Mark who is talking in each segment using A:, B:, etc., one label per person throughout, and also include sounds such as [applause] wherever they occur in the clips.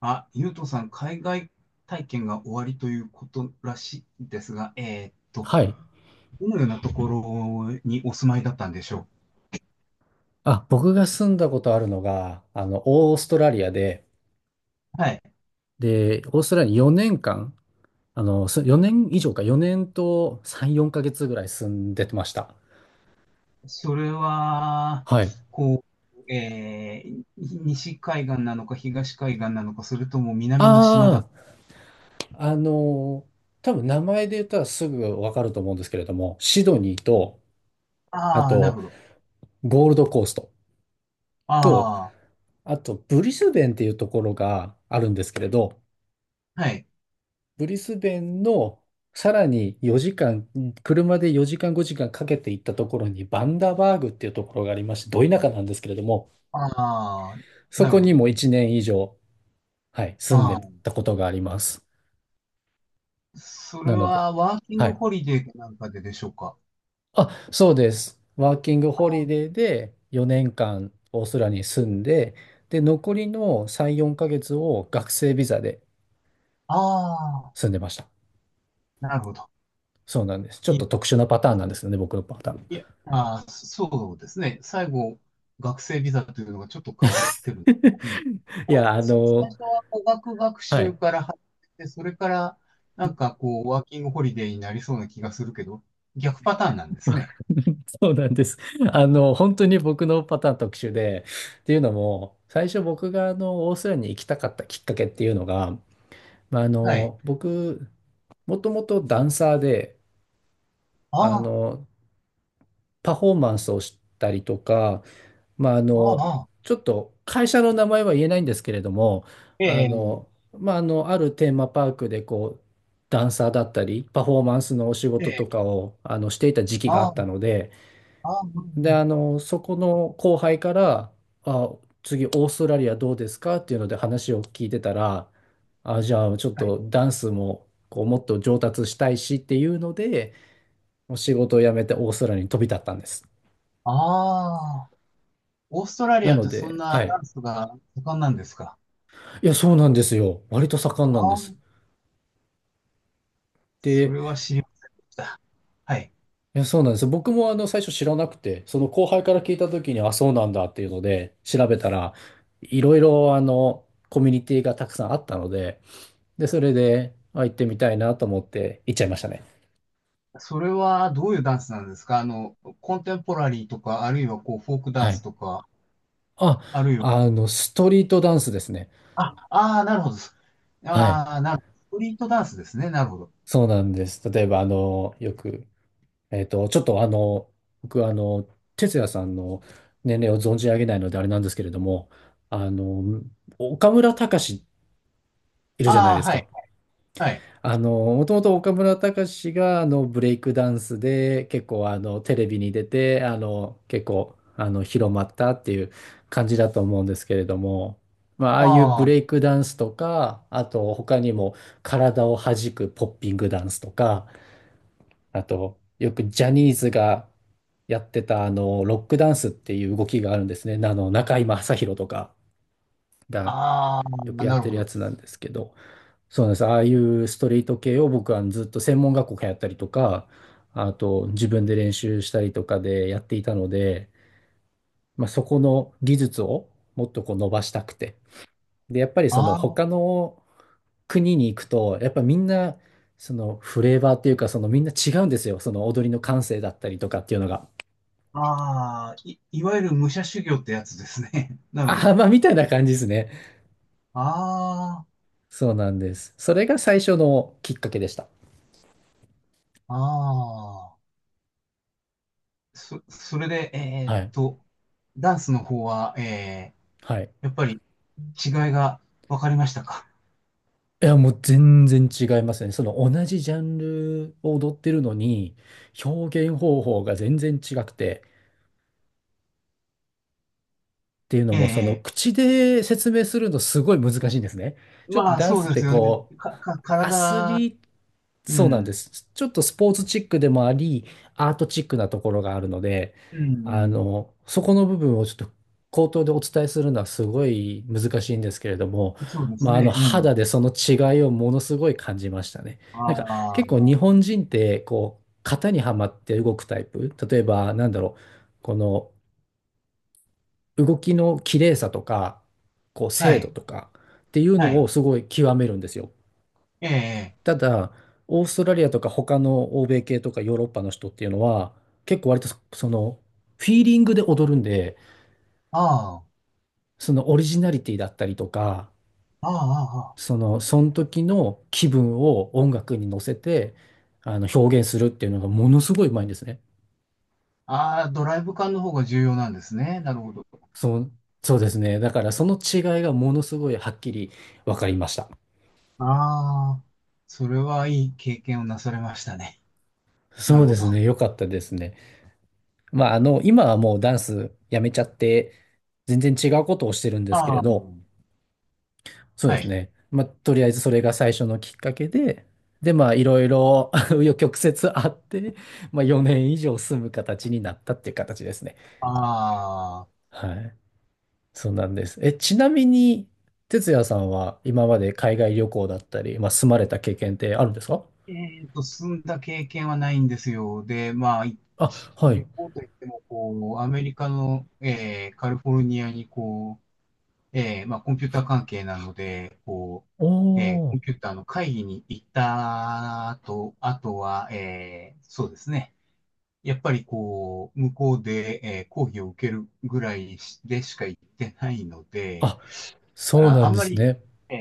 A: あ、ゆうとさん、海外体験が終わりということらしいですが、
B: はい。
A: どのようなところにお住まいだったんでしょ
B: 僕が住んだことあるのが、オーストラリアで、
A: う。はい。
B: で、オーストラリアに4年間、4年以上か、4年と3、4ヶ月ぐらい住んでました。
A: それは、
B: はい。
A: こう、西海岸なのか東海岸なのか、それとも南の島
B: あ
A: だ。
B: あ、あの、多分名前で言ったらすぐわかると思うんですけれども、シドニーと、あ
A: ああ、なる
B: と、
A: ほど。
B: ゴールドコーストと、
A: あ
B: あと、ブリスベンっていうところがあるんですけれど、
A: あ、はい。
B: ブリスベンのさらに4時間、車で4時間5時間かんかけて行ったところにバンダバーグっていうところがありまして、ど田舎なんですけれども、
A: ああ、
B: そ
A: なる
B: こ
A: ほ
B: に
A: ど。
B: も1年以上、はい、住ん
A: あ
B: で
A: あ、
B: たことがあります。
A: それ
B: なので、
A: はワーキン
B: は
A: グ
B: い。
A: ホリデーかなんかででしょうか。
B: そうです。ワーキングホリ
A: あ
B: デーで4年間オーストラリアに住んで、で、残りの3、4ヶ月を学生ビザで
A: あ、あ
B: 住
A: あ、
B: んでました。
A: なるほど。
B: そうなんです。ちょっ
A: いい
B: と特殊なパタ
A: で
B: ーン
A: す
B: なんで
A: ね。
B: すよね、僕のパターン。
A: いや、あー、そうですね。最後、学生ビザというのがちょっと変わってる。うん。
B: [laughs] い
A: まあ、
B: や、あ
A: 最
B: の、
A: 初は語学学
B: は
A: 習
B: い。
A: から入って、それからなんかこう、ワーキングホリデーになりそうな気がするけど、逆パターンなんですね。
B: [laughs] そうなんです。本当に僕のパターン特殊で、っていうのも、最初僕がオーストラリアに行きたかったきっかけっていうのが、
A: はい。
B: 僕、もともとダンサーで、あ
A: ああ、
B: の、パフォーマンスをしたりとか、まあ、あ
A: あ
B: の、
A: あ、ああ、
B: ちょっと会社の名前は言えないんですけれども、
A: ええ、
B: あるテーマパークでこう、ダンサーだったり、パフォーマンスのお仕
A: え
B: 事と
A: え、
B: かを、していた時期があ
A: あ
B: った
A: あ、
B: ので、
A: ああ、うんう
B: で、
A: ん。
B: そこの後輩から、あ、次オーストラリアどうですかっていうので話を聞いてたら、あ、じゃあちょっ
A: はい。
B: とダンスもこうもっと上達したいしっていうので、もう仕事を辞めてオーストラリアに飛び立ったんです。
A: ああ、オーストラリ
B: な
A: アっ
B: の
A: てそん
B: で、
A: な
B: はい。
A: ダンスが盛んなんですか。
B: いや、そうなんですよ。割と盛ん
A: あ
B: なんで
A: あ、
B: す。
A: そ
B: で、
A: れは知りま、はい。
B: いや、そうなんです。僕も最初知らなくて、その後輩から聞いた時に、あ、そうなんだっていうので、調べたら、いろいろコミュニティがたくさんあったので、で、それで、あ、行ってみたいなと思って行っちゃいましたね。
A: それはどういうダンスなんですか、あの、コンテンポラリーとか、あるいはこう、フォークダ
B: は
A: ンス
B: い。
A: とか、
B: あ、
A: あるいは、
B: ストリートダンスですね。
A: あ、ああ、なるほど。
B: はい。
A: ああ、なるほど。ストリートダンスですね。なるほど。
B: そうなんです。例えば、あの、よく、えっと、ちょっとあの、僕、あの、哲也さんの年齢を存じ上げないのであれなんですけれども、あの、岡村隆史いるじゃない
A: ああ、
B: です
A: は
B: か。
A: い、はい。
B: もともと岡村隆史がブレイクダンスで結構テレビに出て結構広まったっていう感じだと思うんですけれども、まあ、ああいうブ
A: あ
B: レイクダンスとか、あと他にも体を弾くポッピングダンスとか、あとよくジャニーズがやってたロックダンスっていう動きがあるんですね。中居正広とかが
A: あ、あ
B: よく
A: あ、
B: やっ
A: なる
B: て
A: ほ
B: るや
A: ど。
B: つなんですけど。そうなんです。ああいうストリート系を僕はずっと専門学校通ったりとか、あと自分で練習したりとかでやっていたので、まあ、そこの技術をもっとこう伸ばしたくて。で、やっぱりその
A: あ
B: 他の国に行くと、やっぱみんなそのフレーバーっていうか、そのみんな違うんですよ。その踊りの感性だったりとかっていうのが。
A: あ、ああ、いわゆる武者修行ってやつですね。[laughs] なるほ
B: ああ、
A: ど。
B: まあみたいな感じですね。
A: あ
B: そうなんです。それが最初のきっかけでした。
A: あ、ああ。それで、
B: はい。
A: ダンスの方は、
B: はい。
A: やっぱり違いが分かりましたか。
B: いや、もう全然違いますね。その同じジャンルを踊ってるのに、表現方法が全然違くて、っていうの
A: え
B: も、その
A: え、ええ、
B: 口で説明するのすごい難しいんですね。ちょっと
A: まあ、
B: ダン
A: そ
B: ス
A: う
B: っ
A: で
B: て
A: すよね。
B: こう、アス
A: 体、
B: リート、
A: う
B: そうなんで
A: ん、
B: す。ちょっとスポーツチックでもあり、アートチックなところがあるので、
A: うん、
B: そこの部分をちょっと口頭でお伝えするのはすごい難しいんですけれども、
A: うん。そうですね、うん。
B: 肌でその違いをものすごい感じましたね。なんか結構
A: あ
B: 日本人って、こう、型にはまって動くタイプ。例えば、なんだろう、この、動きの綺麗さとか、こう
A: あ、は
B: 精度
A: い、
B: とかっていう
A: は
B: のを
A: い。
B: すごい極めるんですよ。
A: ええ、
B: ただ、オーストラリアとか他の欧米系とかヨーロッパの人っていうのは、結構割とその、フィーリングで踊るんで、
A: あ
B: そのオリジナリティだったりとか、
A: あ、ああ、
B: その、その時の気分を音楽に乗せて、表現するっていうのがものすごいうまいんですね。
A: ああ、ああ、ドライブ感の方が重要なんですね。なるほど。
B: そう、そうですね。だからその違いがものすごいはっきり分かりました。
A: ああ、それはいい経験をなされましたね。な
B: そ
A: る
B: う
A: ほ
B: で
A: ど。
B: す
A: あ
B: ね。よかったですね。今はもうダンスやめちゃって、全然違うことをしてるんですけれ
A: あ、
B: ど、そうで
A: は
B: す
A: い。
B: ね。まあ、とりあえずそれが最初のきっかけで、で、まあ、いろいろ [laughs] 紆余曲折あって、まあ、4年以上住む形になったっていう形ですね。
A: ああ、
B: はい。そうなんです。え、ちなみに、哲也さんは今まで海外旅行だったり、まあ、住まれた経験ってあるんですか？
A: えっと、進んだ経験はないんですよ。で、まあ、い
B: あ、はい。
A: 旅行といっても、こう、アメリカの、カリフォルニアに、こう、まあ、コンピューター関係なので、こ
B: お
A: う、コ
B: ー。
A: ンピューターの会議に行った後、あとは、そうですね。やっぱりこう、向こうで、講義を受けるぐらいでしか行ってないので、
B: あ、
A: だか
B: そう
A: ら
B: な
A: あ
B: ん
A: ん
B: で
A: ま
B: す
A: り、
B: ね。
A: えー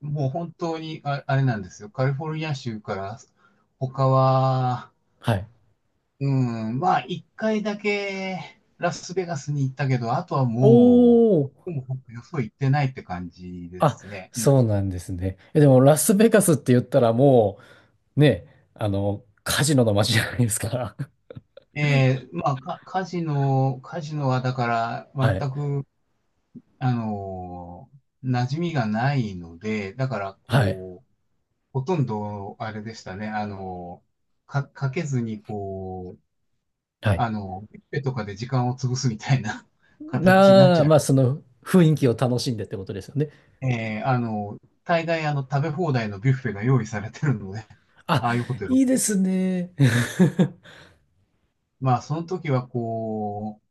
A: もう本当にあれなんですよ。カリフォルニア州から他は、
B: はい。
A: うん、まあ、一回だけラスベガスに行ったけど、あとはも
B: お
A: う、
B: ー。
A: どこもよそ行ってないって感じで
B: あ、
A: すね。うん、
B: そうなんですね。え、でも、ラスベガスって言ったらもう、ね、カジノの街じゃないですか。[laughs]
A: まあ、カジノ、カジノはだから、
B: は
A: 全
B: い。
A: く、あの馴染みがないので、だから、
B: はい。
A: こう、ほとんど、あれでしたね、かけずに、こう、
B: はい。
A: あの、ビュッフェとかで時間を潰すみたいな [laughs] 形になっちゃい、
B: まあ、その雰囲気を楽しんでってことですよね。
A: あの、大概あの食べ放題のビュッフェが用意されてるので、[laughs]
B: あ、
A: ああいうホテル。
B: いいですね。
A: まあ、その時はこう、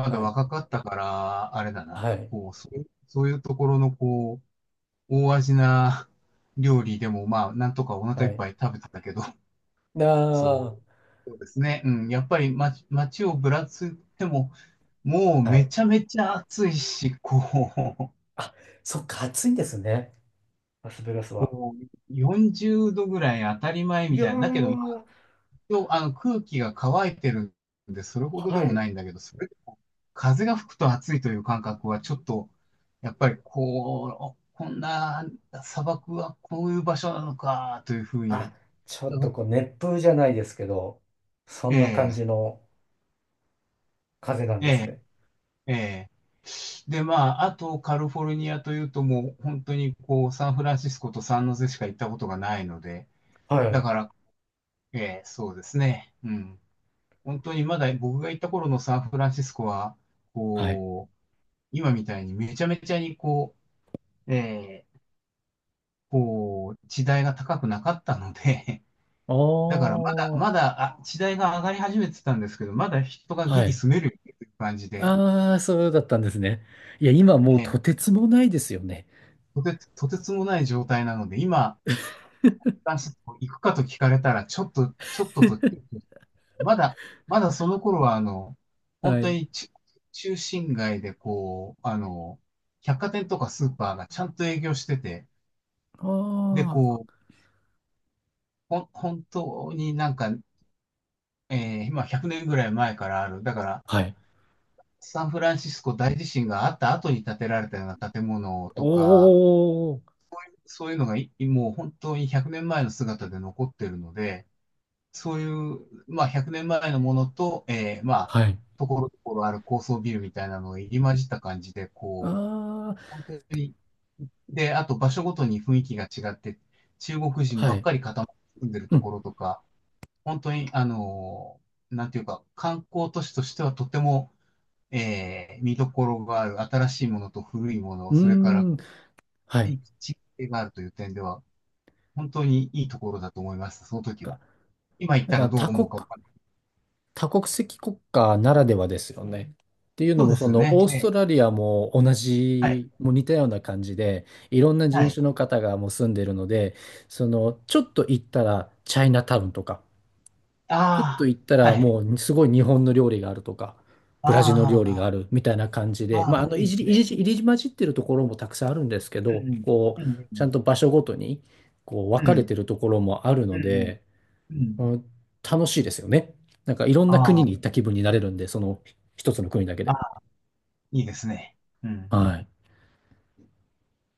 B: [laughs]
A: だ
B: はい。
A: 若かったから、あれだな、
B: はい。
A: こう、そういうところのこう、大味な [laughs] 料理でも、まあ、なんとかお腹い
B: は
A: っ
B: い。
A: ぱい食べてたけど、[laughs] そ
B: なあ、
A: う、そうですね。うん、やっぱり街をぶらついても、もう
B: は
A: め
B: い。
A: ちゃめちゃ暑いし、こう、
B: あ、そっか、暑いんですね。ラスベガスは。
A: こう、40度ぐらい当たり前
B: い
A: み
B: やー、
A: たいな。だけど、応あの空気が乾いてるんで、それほどで
B: は
A: も
B: い。
A: ないんだけど、それでも風が吹くと暑いという感覚はちょっと、やっぱりこう、こんな砂漠はこういう場所なのかというふう
B: あ、
A: に、
B: ちょっとこう、熱風じゃないですけど、そ
A: え
B: んな感
A: え、
B: じの風なん
A: え
B: です
A: え、
B: ね。
A: ええ。で、まあ、あとカリフォルニアというともう本当にこうサンフランシスコとサンノゼしか行ったことがないので、
B: は
A: だ
B: い。
A: から、ええ、そうですね。うん。本当にまだ僕が行った頃のサンフランシスコは、
B: はい。
A: こう、今みたいにめちゃめちゃにこう、こう、地代が高くなかったので、[laughs] だからまだ、
B: お
A: ま
B: ー。
A: だ、あ、地代が上がり始めてたんですけど、まだ人が
B: は
A: ギリ
B: い。
A: 住めるっていう感じで、
B: ああ、そうだったんですね。いや、今
A: え
B: もうと
A: え、
B: てつもないですよね。
A: とてつもない状態なので、今、行くかと聞かれたら、ちょっとと、
B: [laughs]
A: まだ、まだその頃は、あの、本
B: は
A: 当
B: い。
A: にち中心街で、こう、あの、百貨店とかスーパーがちゃんと営業してて、で、
B: あ
A: こう、本当になんかまあ100年ぐらい前からある。だから、
B: あ。はい。
A: サンフランシスコ大地震があった後に建てられたような建物とか、
B: おー。
A: そういうのがいもう本当に100年前の姿で残ってるので、そういう、まあ100年前のものと、まあ、
B: はい。
A: ところどころある高層ビルみたいなのが入り混じった感じで、こう、
B: あ
A: 本当に、で、あと場所ごとに雰囲気が違って、中国
B: あ。
A: 人
B: は
A: ばっ
B: い。
A: かり固まって住んでる
B: う
A: と
B: ん。
A: ころとか、本当に、なんていうか、観光都市としてはとても、見どころがある、新しいものと古いもの、
B: うー
A: それから
B: ん。は
A: 地
B: い。
A: 域性があるという点では、本当にいいところだと思います、その時
B: か
A: は。今言っ
B: なん
A: たら
B: か
A: どう
B: 多
A: 思う
B: 国、
A: かわかんない。
B: 多国籍国家ならではですよね。っていうの
A: そう
B: も、
A: で
B: そ
A: す
B: の、
A: ね。
B: オー
A: え
B: ストラ
A: え、
B: リアも同
A: はい。
B: じ、もう似たような感じで、いろんな
A: は
B: 人
A: い。
B: 種の方がもう住んでるので、その、ちょっと行ったら、チャイナタウンとか、ちょっと
A: ああ、
B: 行った
A: は
B: ら
A: い。
B: もうすごい日本の料理があるとか、ブラジルの料理があ
A: あ
B: るみたいな感じ
A: あ、
B: で、
A: ああ、いい
B: い
A: で
B: じ
A: す
B: り、い
A: ね。
B: じり、入り混じってるところもたくさんあるんですけ
A: う
B: ど、
A: ん、
B: こう、
A: うん、う
B: ちゃん
A: ん、
B: と場所ごとに、こう、
A: う
B: 分かれ
A: ん、
B: てるところもある
A: う
B: の
A: ん、
B: で、
A: うん、うん。
B: うん、楽しいですよね。なんかいろんな
A: あ
B: 国
A: あ、
B: に行った気分になれるんで、その一つの国だけ
A: あ
B: で。
A: あ、いいですね。うん
B: はい。